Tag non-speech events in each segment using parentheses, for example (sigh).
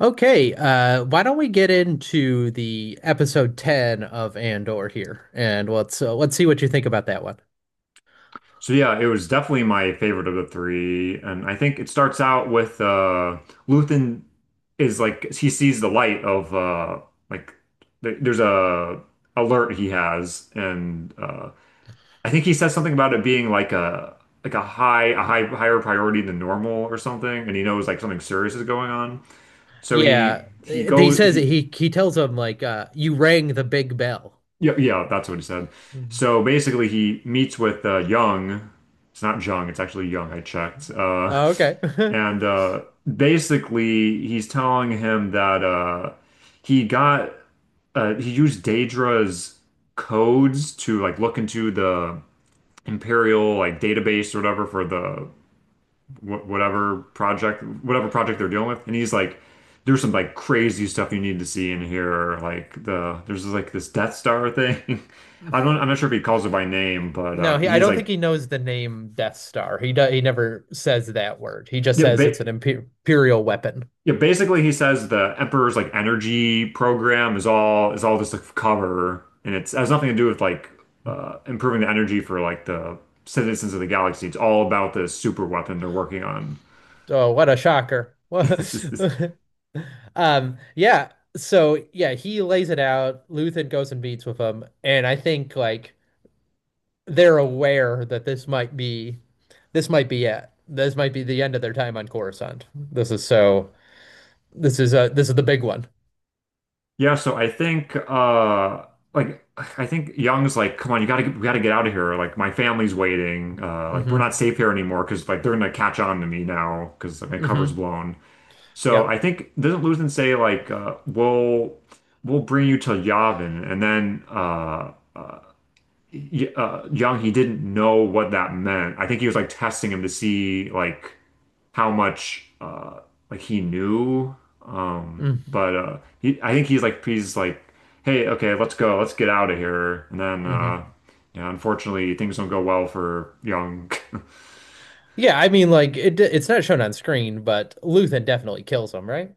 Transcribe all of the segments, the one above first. Okay, why don't we get into the episode 10 of Andor here, and let's see what you think about that one. So yeah, it was definitely my favorite of the three, and I think it starts out with Luthen is like he sees the light of like th there's a alert he has, and I think he says something about it being like a higher priority than normal or something, and he knows like something serious is going on. So Yeah, he he goes says that he he tells him like you rang the big bell. Yeah, yeah, that's what he said. Mhm. So basically, he meets with Young. It's not Jung, it's actually Young. I checked. Uh, Oh, okay. and uh, basically, he's telling him that he got he used Daedra's codes to like look into the Imperial like database or whatever for the wh whatever project they're dealing with, and he's like there's some like crazy stuff you need to see in here there's like this Death Star thing. (laughs) I'm not sure if he (laughs) (laughs) calls it by name, but No, he, I he's don't think like he knows the name Death Star. He never says that word. He just yeah, says ba it's an imperial weapon. yeah, basically he says the Emperor's like energy program is all just a cover, and it's has nothing to do with like improving the energy for like the citizens of the galaxy. It's all about this super weapon they're working on. Oh, what a shocker. (laughs) (laughs) Yeah. So yeah, he lays it out. Luthen goes and meets with him, and I think like they're aware that this might be it. This might be the end of their time on Coruscant. This is so. This is a. This is the big one. Yeah, so like I think Young's like, come on, you gotta get, we gotta get out of here. Like, my family's waiting. Like, Mm-hmm. we're not safe here anymore because like they're gonna catch on to me now because my cover's Mm-hmm. blown. So Yep. I think doesn't Luthen say like we'll bring you to Yavin. And then y Young, he didn't know what that meant. I think he was like testing him to see like how much like he knew. Mm-hmm. But he I think he's like, hey, okay, let's go, let's get out of here. And then Mm-hmm. Yeah, unfortunately things don't go well for Young. (laughs) Yeah, I mean, it's not shown on screen, but Luthen definitely kills him, right?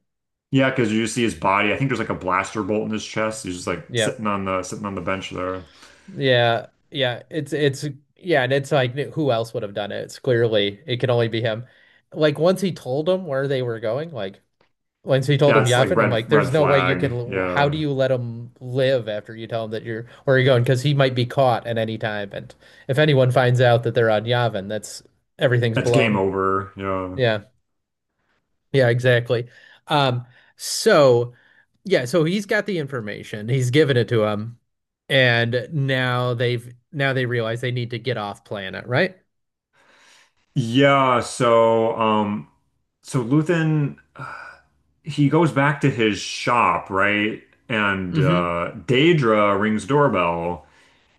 Yeah, because you just see his body. I think there's like a blaster bolt in his chest. He's just like Yeah, sitting on the bench there. yeah, yeah. It's yeah, and it's like who else would have done it? It's clearly it can only be him. Like once he told him where they were going, like once he told him That's like Yavin, I'm red like, red there's no way you can. flag. How do Yeah. you let him live after you tell him that you're where you're going? Because he might be caught at any time, and if anyone finds out that they're on Yavin, that's everything's That's game blown. over. Yeah. Yeah. Yeah, exactly. Um, so yeah, so he's got the information. He's given it to him, and now they realize they need to get off planet, right? Yeah, so Luthen, he goes back to his shop, right? And Mm-hmm. Daedra rings doorbell,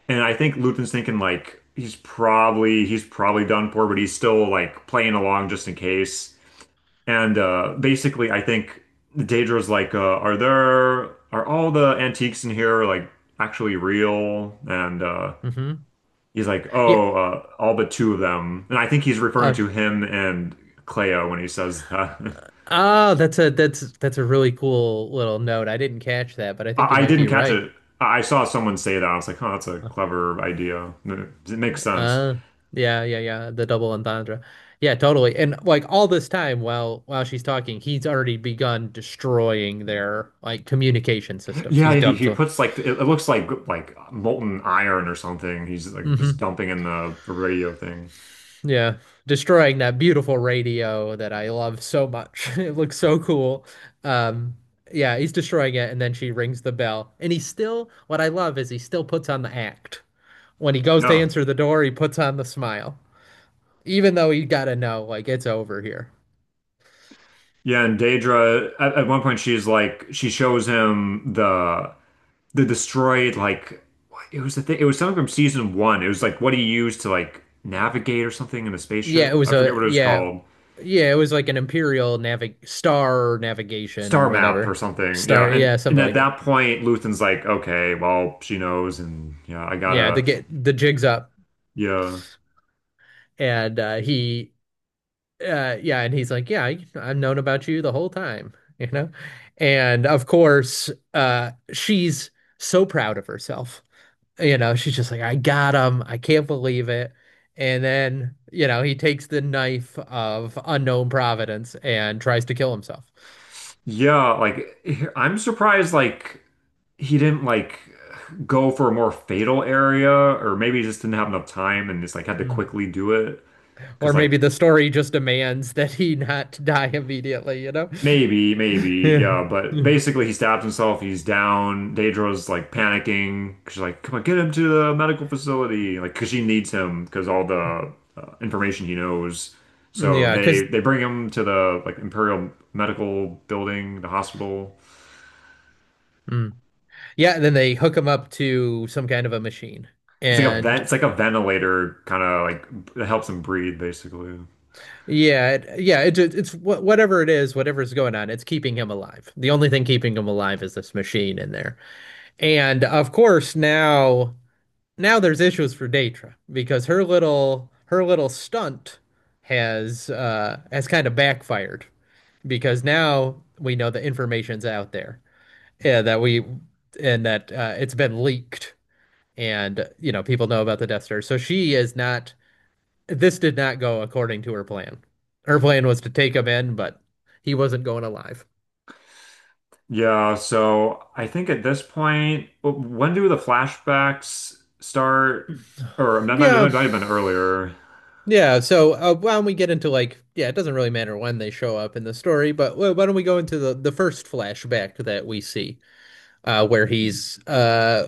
and I think Luthen's thinking like he's probably done for, but he's still like playing along just in case. And basically, I think Daedra's like, are all the antiques in here like actually real?" And Mm-hmm. he's like, Yeah. "Oh, all but two of them." And I think he's referring Uh, to him and Cleo when he says that. (laughs) That's a that's a really cool little note. I didn't catch that, but I think you I might didn't be catch right. it. I saw someone say that. I was like, "Oh, that's a clever idea. It makes sense." Uh, yeah, yeah, yeah. The double entendre. Yeah, totally. And like all this time while she's talking, he's already begun destroying their like communication systems. Yeah, He's he, dumped he puts like it looks like molten iron or something. He's like just hmm. dumping in the radio thing. Yeah. Destroying that beautiful radio that I love so much. (laughs) It looks so cool. Um, yeah, he's destroying it, and then she rings the bell. And he still, what I love is he still puts on the act. When he goes to Yeah. answer the door, he puts on the smile. Even though he gotta know, like, it's over here. Yeah, and Daedra at one point, she shows him the destroyed, like, it was something from season one. It was like what he used to like navigate or something in a Yeah, spaceship. I forget what it was called. yeah, it was like an Imperial navig star navigation, Star map or whatever. something. Star, Yeah, and yeah, and something like at that. that point, Luthen's like, okay, well, she knows, and yeah, I Yeah, the gotta, get the jig's up, yeah, and he. Yeah, and he's like yeah I've known about you the whole time, you know, and of course she's so proud of herself, you know, she's just like I got him, I can't believe it. And then, you know, he takes the knife of unknown providence and tries to kill himself. yeah. Like, I'm surprised, like he didn't like go for a more fatal area, or maybe he just didn't have enough time and just like had to Hmm. quickly do it Or because like maybe the story just demands that he not (laughs) die immediately, you know. maybe, (laughs) maybe, Yeah, yeah. But yeah, basically, he stabs himself. He's down. Daedra's like panicking. She's like, "Come on, get him to the medical facility!" Like, because she needs him because all the information he knows. So because they yeah, they bring him to the like Imperial Medical Building, the hospital. mm. Yeah, and then they hook him up to some kind of a machine, It's like a vent. and It's like a ventilator, kind of like that helps him breathe, basically. yeah, it, yeah, it, ju- it's wha- whatever it is, whatever's going on, it's keeping him alive. The only thing keeping him alive is this machine in there. And of course, now there's issues for Daedra because her little stunt has kind of backfired because now we know the information's out there. Yeah, that we that it's been leaked, and you know people know about the Death Star. So she is not, this did not go according to her plan. Her plan was to take him in, but he wasn't going alive. Yeah. So I think at this point, when do the flashbacks start? Or that might, Yeah, that might have been earlier. yeah. Why don't we get into like, yeah, it doesn't really matter when they show up in the story, but why don't we go into the first flashback that we see, uh, where he's uh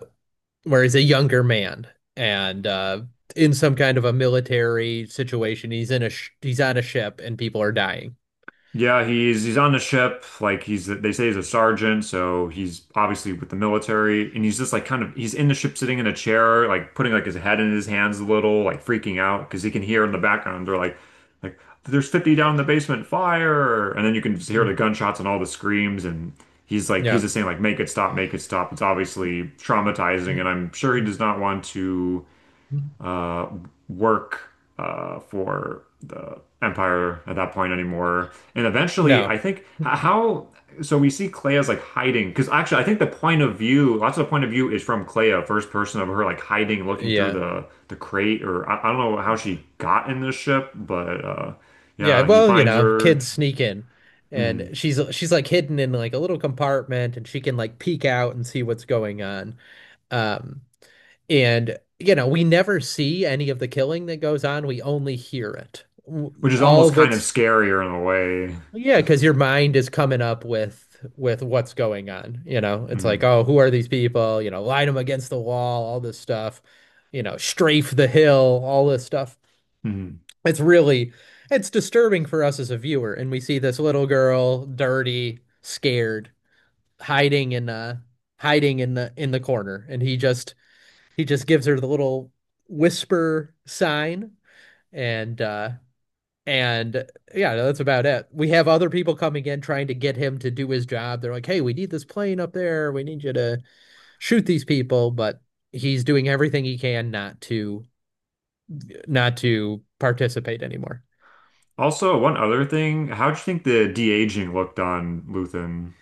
where he's a younger man and in some kind of a military situation. He's in a sh he's on a ship and people are dying. Yeah, he's on the ship. Like, he's they say he's a sergeant, so he's obviously with the military, and he's just like kind of he's in the ship, sitting in a chair, like putting like his head in his hands a little, like freaking out because he can hear in the background they're like there's 50 down in the basement, fire, and then you can just hear Mm, the gunshots and all the screams, and he's yeah. just saying like make it stop, make it stop. It's obviously traumatizing, Mm, and I'm sure he does not want to mm, uh, work for the Empire at that point anymore. And eventually, no. I think how so we see Clea as like hiding because actually, I think the point of view, lots of the point of view is from Clea, first person of her like hiding, looking through Yeah. the crate, or I don't know how she got in this ship, but Yeah, yeah, he well, you finds know, her. kids sneak in, and Mhm. She's like hidden in like a little compartment and she can like peek out and see what's going on. Um, and you know, we never see any of the killing that goes on. We only hear it. Which is All almost of kind of it's scarier in a way. yeah, because your mind is coming up with what's going on, you know. It's like, Mhm. "Oh, who are these people?" You know, line them against the wall, all this stuff. You know, strafe the hill, all this stuff. Mhm. It's really it's disturbing for us as a viewer, and we see this little girl, dirty, scared, hiding in uh hiding in the corner, and he just gives her the little whisper sign, and uh and yeah, that's about it. We have other people coming in trying to get him to do his job. They're like, "Hey, we need this plane up there. We need you to shoot these people," but he's doing everything he can not to participate anymore. Also, one other thing, how do you think the de-aging looked on Luthen?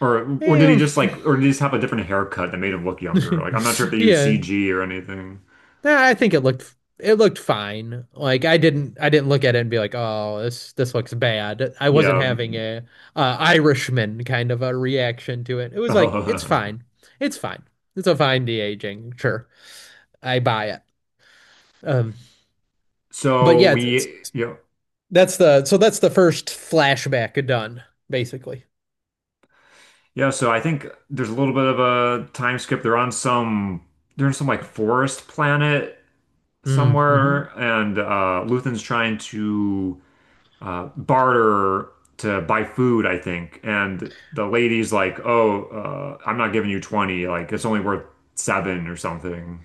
Or Yeah, did he just have a different haircut that made him look younger? Like, I'm not sure if (laughs) they used yeah. CG or anything. Nah, I think it looked, it looked fine. Like I didn't look at it and be like, "Oh, this looks bad." I wasn't Yeah. having a Irishman kind of a reaction to it. It was like, "It's (laughs) fine. It's fine. It's a fine de-aging. Sure. I buy it." Um, but so yeah, we it's Yeah, that's the, so that's the first flashback done, basically. yeah. So I think there's a little bit of a time skip. They're on some they're in some like forest planet somewhere, Mm-hmm. and Luthen's trying to barter to buy food, I think. And the lady's like, "Oh, I'm not giving you 20. Like, it's only worth seven or something."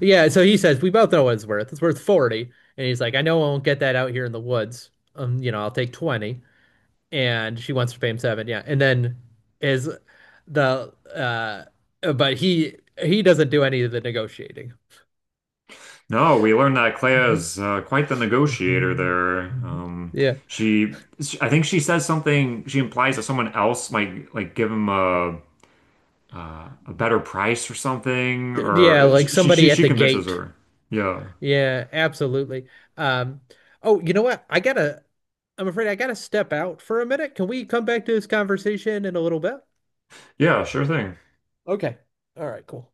Yeah, so he says, "We both know what it's worth. It's worth 40." And he's like, "I know I won't get that out here in the woods. You know, I'll take 20." And she wants to pay him 7. Yeah, and then is the but he doesn't do any of the negotiating. No, we learned that Mhm, Claire's quite the negotiator mhm, there. mhm. Um, Yeah, she, I think she says something. She implies that someone else might like give him a a better price or something, yeah, or like she she somebody at she the convinces gate. her. Yeah, Yeah, absolutely. Um, oh, you know what? I'm afraid I gotta step out for a minute. Can we come back to this conversation in a little bit? yeah, sure thing. Okay. All right, cool.